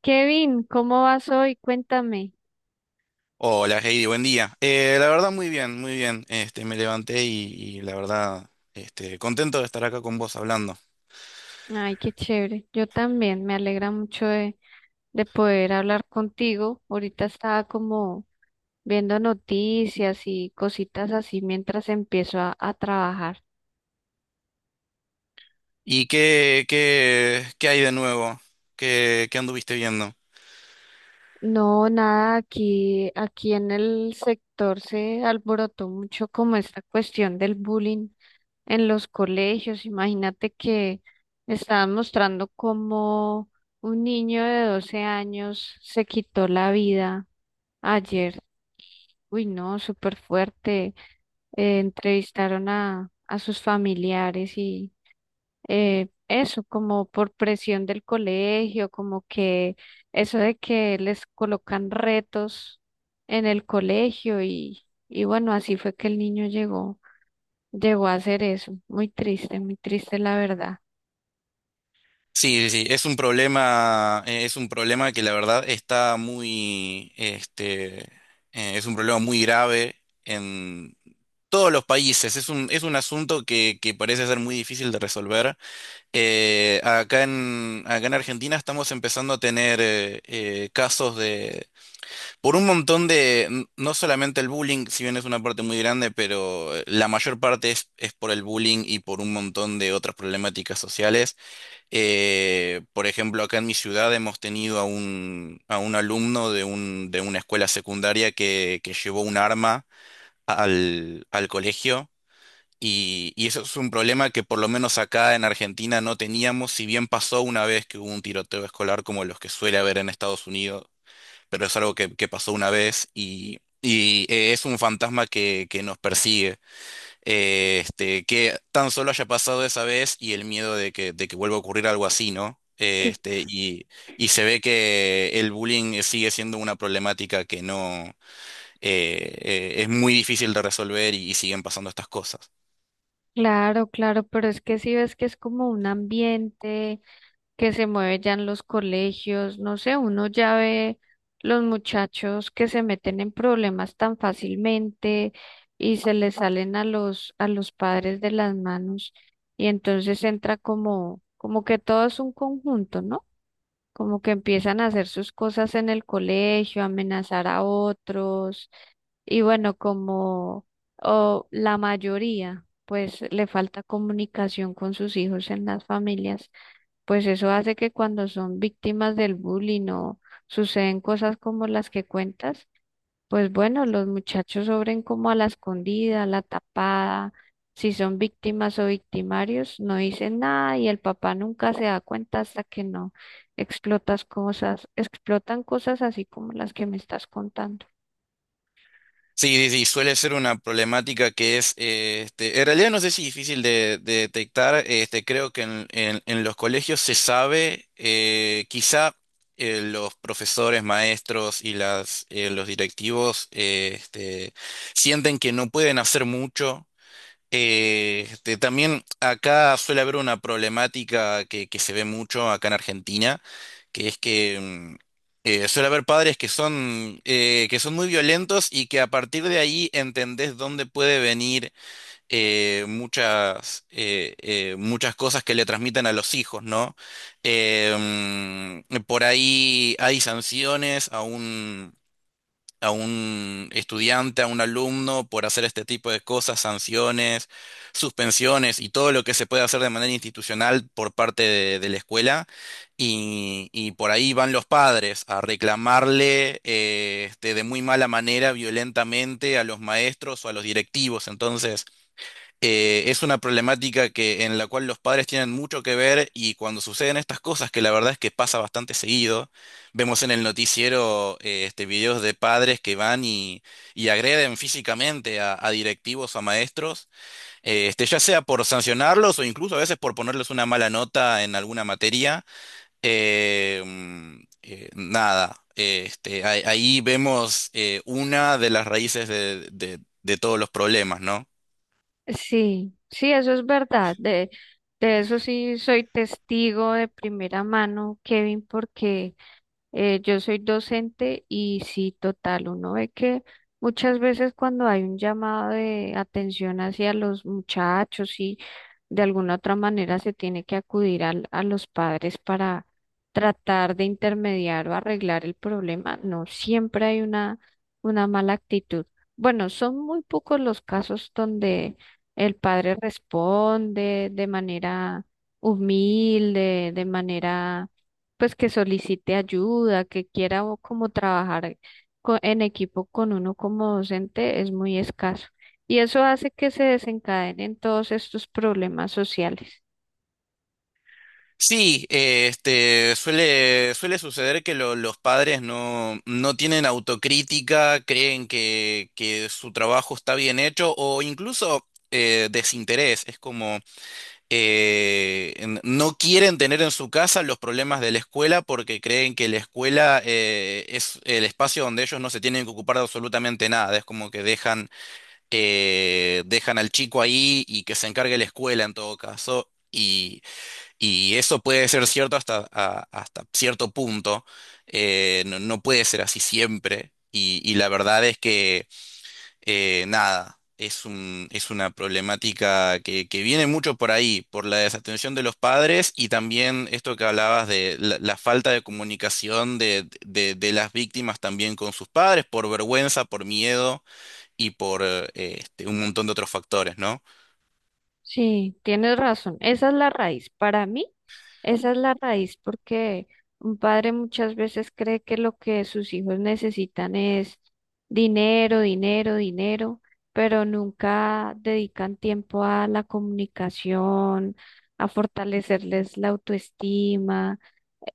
Kevin, ¿cómo vas hoy? Cuéntame. Hola Heidi, buen día. La verdad muy bien, muy bien. Me levanté y la verdad, contento de estar acá con vos hablando. Ay, qué chévere. Yo también. Me alegra mucho de poder hablar contigo. Ahorita estaba como viendo noticias y cositas así mientras empiezo a trabajar. ¿Y qué hay de nuevo? Qué anduviste viendo? No, nada, aquí en el sector se alborotó mucho como esta cuestión del bullying en los colegios. Imagínate que estaban mostrando cómo un niño de 12 años se quitó la vida ayer, uy, no, súper fuerte. Entrevistaron a sus familiares y eso, como por presión del colegio, como que eso de que les colocan retos en el colegio y bueno, así fue que el niño llegó a hacer eso. Muy triste la verdad. Sí, sí, sí, es un problema que la verdad está muy, es un problema muy grave en todos los países. Es un asunto que parece ser muy difícil de resolver. Acá en Argentina estamos empezando a tener casos de, por un montón de, no solamente el bullying, si bien es una parte muy grande, pero la mayor parte es por el bullying y por un montón de otras problemáticas sociales. Por ejemplo, acá en mi ciudad hemos tenido a a un alumno de de una escuela secundaria que llevó un arma al colegio. Y eso es un problema que por lo menos acá en Argentina no teníamos, si bien pasó una vez que hubo un tiroteo escolar como los que suele haber en Estados Unidos, pero es algo que pasó una vez y es un fantasma que nos persigue. Que tan solo haya pasado esa vez y el miedo de que vuelva a ocurrir algo así, ¿no? Cl- Y se ve que el bullying sigue siendo una problemática que no es muy difícil de resolver y siguen pasando estas cosas. Claro, claro, pero es que si ves que es como un ambiente que se mueve ya en los colegios. No sé, uno ya ve los muchachos que se meten en problemas tan fácilmente y se les salen a los padres de las manos, y entonces entra como que todo es un conjunto, ¿no? Como que empiezan a hacer sus cosas en el colegio, amenazar a otros y bueno, como o la mayoría pues le falta comunicación con sus hijos en las familias, pues eso hace que cuando son víctimas del bullying o suceden cosas como las que cuentas, pues bueno, los muchachos sobren como a la escondida, a la tapada, si son víctimas o victimarios, no dicen nada y el papá nunca se da cuenta hasta que no explotan cosas así como las que me estás contando. Sí, sí, sí, suele ser una problemática que es, en realidad no sé si difícil de detectar, creo que en los colegios se sabe, quizá los profesores, maestros y los directivos sienten que no pueden hacer mucho. También acá suele haber una problemática que se ve mucho acá en Argentina, que es que suele haber padres que son muy violentos y que a partir de ahí entendés dónde puede venir muchas, muchas cosas que le transmiten a los hijos, ¿no? Por ahí hay sanciones a un estudiante, a un alumno por hacer este tipo de cosas, sanciones, suspensiones y todo lo que se puede hacer de manera institucional por parte de la escuela. Y por ahí van los padres a reclamarle de muy mala manera, violentamente, a los maestros o a los directivos. Entonces, es una problemática que, en la cual los padres tienen mucho que ver, y cuando suceden estas cosas, que la verdad es que pasa bastante seguido, vemos en el noticiero videos de padres que van y agreden físicamente a directivos o a maestros, ya sea por sancionarlos o incluso a veces por ponerles una mala nota en alguna materia. Mm, nada, este, Ahí, ahí vemos una de las raíces de todos los problemas, ¿no? Sí, sí, eso es verdad. De eso sí soy testigo de primera mano, Kevin, porque yo soy docente y sí, total, uno ve que muchas veces cuando hay un llamado de atención hacia los muchachos y de alguna otra manera se tiene que acudir a los padres para tratar de intermediar o arreglar el problema, no siempre hay una mala actitud. Bueno, son muy pocos los casos donde el padre responde de manera humilde, de manera pues que solicite ayuda, que quiera o como trabajar en equipo con uno como docente, es muy escaso. Y eso hace que se desencadenen todos estos problemas sociales. Sí, suele, suele suceder que los padres no, no tienen autocrítica, creen que su trabajo está bien hecho o incluso desinterés. Es como no quieren tener en su casa los problemas de la escuela, porque creen que la escuela es el espacio donde ellos no se tienen que ocupar de absolutamente nada. Es como que dejan, dejan al chico ahí y que se encargue la escuela en todo caso. Y eso puede ser cierto hasta, hasta cierto punto, no, no puede ser así siempre. Y la verdad es que, nada, es un, es una problemática que viene mucho por ahí, por la desatención de los padres y también esto que hablabas de la falta de comunicación de, de las víctimas también con sus padres, por vergüenza, por miedo y por un montón de otros factores, ¿no? Sí, tienes razón. Esa es la raíz. Para mí, esa es la raíz, porque un padre muchas veces cree que lo que sus hijos necesitan es dinero, dinero, dinero, pero nunca dedican tiempo a la comunicación, a fortalecerles la autoestima.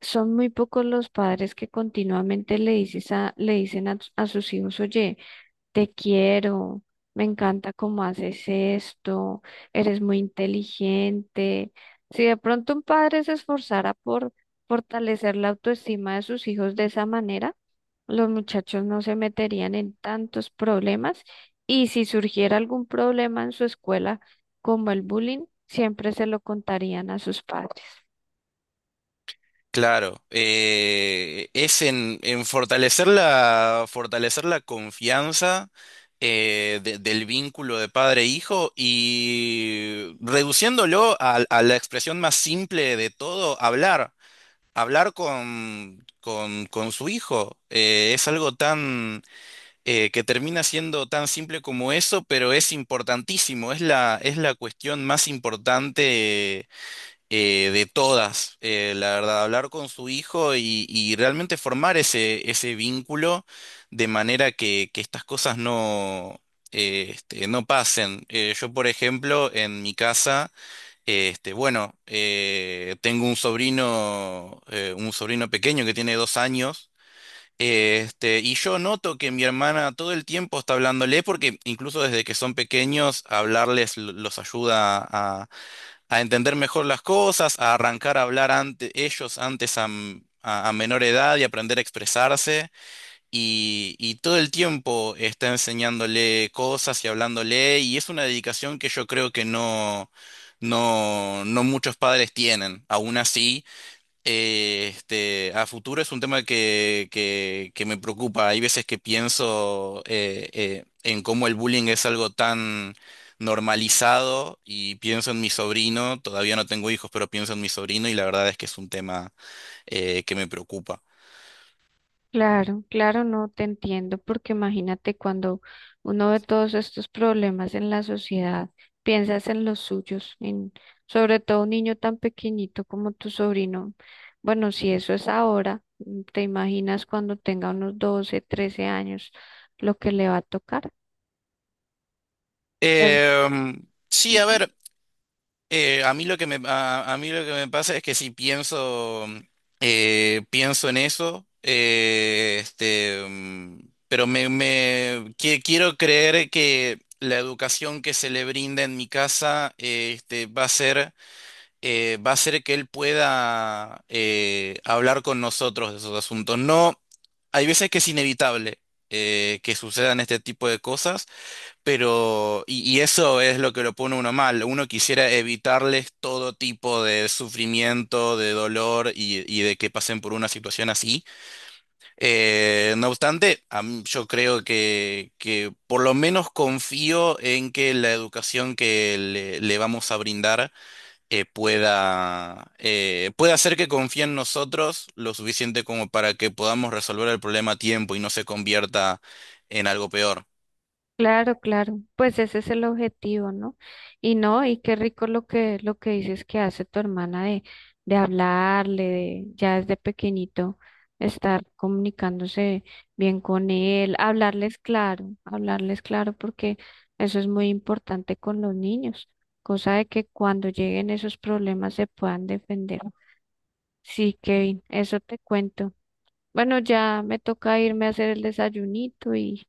Son muy pocos los padres que continuamente le dicen a sus hijos: oye, te quiero, me encanta cómo haces esto, eres muy inteligente. Si de pronto un padre se esforzara por fortalecer la autoestima de sus hijos de esa manera, los muchachos no se meterían en tantos problemas, y si surgiera algún problema en su escuela, como el bullying, siempre se lo contarían a sus padres. Claro, es en fortalecer la confianza del vínculo de padre-hijo e hijo, y reduciéndolo a la expresión más simple de todo, hablar, hablar con su hijo. Es algo tan, que termina siendo tan simple como eso, pero es importantísimo, es es la cuestión más importante de todas, la verdad, hablar con su hijo y realmente formar ese, ese vínculo de manera que estas cosas no, no pasen. Yo, por ejemplo, en mi casa, bueno, tengo un sobrino pequeño que tiene 2 años. Y yo noto que mi hermana todo el tiempo está hablándole, porque incluso desde que son pequeños, hablarles los ayuda a entender mejor las cosas, a arrancar a hablar ante ellos antes a, a menor edad y aprender a expresarse. Y todo el tiempo está enseñándole cosas y hablándole, y es una dedicación que yo creo que no, no, no muchos padres tienen. Aún así, a futuro es un tema que me preocupa. Hay veces que pienso en cómo el bullying es algo tan normalizado, y pienso en mi sobrino, todavía no tengo hijos, pero pienso en mi sobrino y la verdad es que es un tema que me preocupa. Claro, claro, no te entiendo, porque imagínate cuando uno ve todos estos problemas en la sociedad, piensas en los suyos, en sobre todo un niño tan pequeñito como tu sobrino. Bueno, si eso es ahora, mm, te imaginas cuando tenga unos 12, 13 años, lo que le va a tocar. Pero, Em, sí, a ver. A, a mí lo que me pasa es que si pienso, pienso en eso, pero me, quiero creer que la educación que se le brinda en mi casa, va a ser que él pueda, hablar con nosotros de esos asuntos. No, hay veces que es inevitable, que sucedan este tipo de cosas, pero, y eso es lo que lo pone uno mal. Uno quisiera evitarles todo tipo de sufrimiento, de dolor y de que pasen por una situación así. No obstante, yo creo que por lo menos confío en que la educación que le vamos a brindar pueda hacer que confíe en nosotros lo suficiente como para que podamos resolver el problema a tiempo y no se convierta en algo peor. claro, claro, pues ese es el objetivo, ¿no? Y no, y qué rico lo que dices que hace tu hermana de hablarle, de, ya desde pequeñito estar comunicándose bien con él, hablarles claro, porque eso es muy importante con los niños, cosa de que cuando lleguen esos problemas se puedan defender. Sí, Kevin, eso te cuento. Bueno, ya me toca irme a hacer el desayunito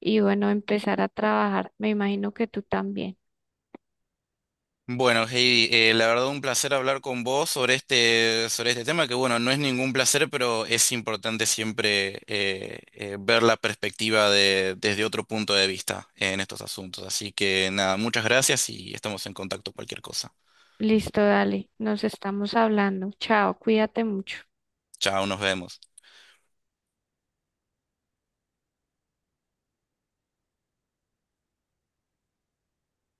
y bueno, empezar a trabajar. Me imagino que tú también. Bueno, Heidi, la verdad un placer hablar con vos sobre este tema, que bueno, no es ningún placer, pero es importante siempre ver la perspectiva de, desde otro punto de vista en estos asuntos. Así que nada, muchas gracias y estamos en contacto cualquier cosa. Listo, dale, nos estamos hablando. Chao, cuídate mucho. Chao, nos vemos.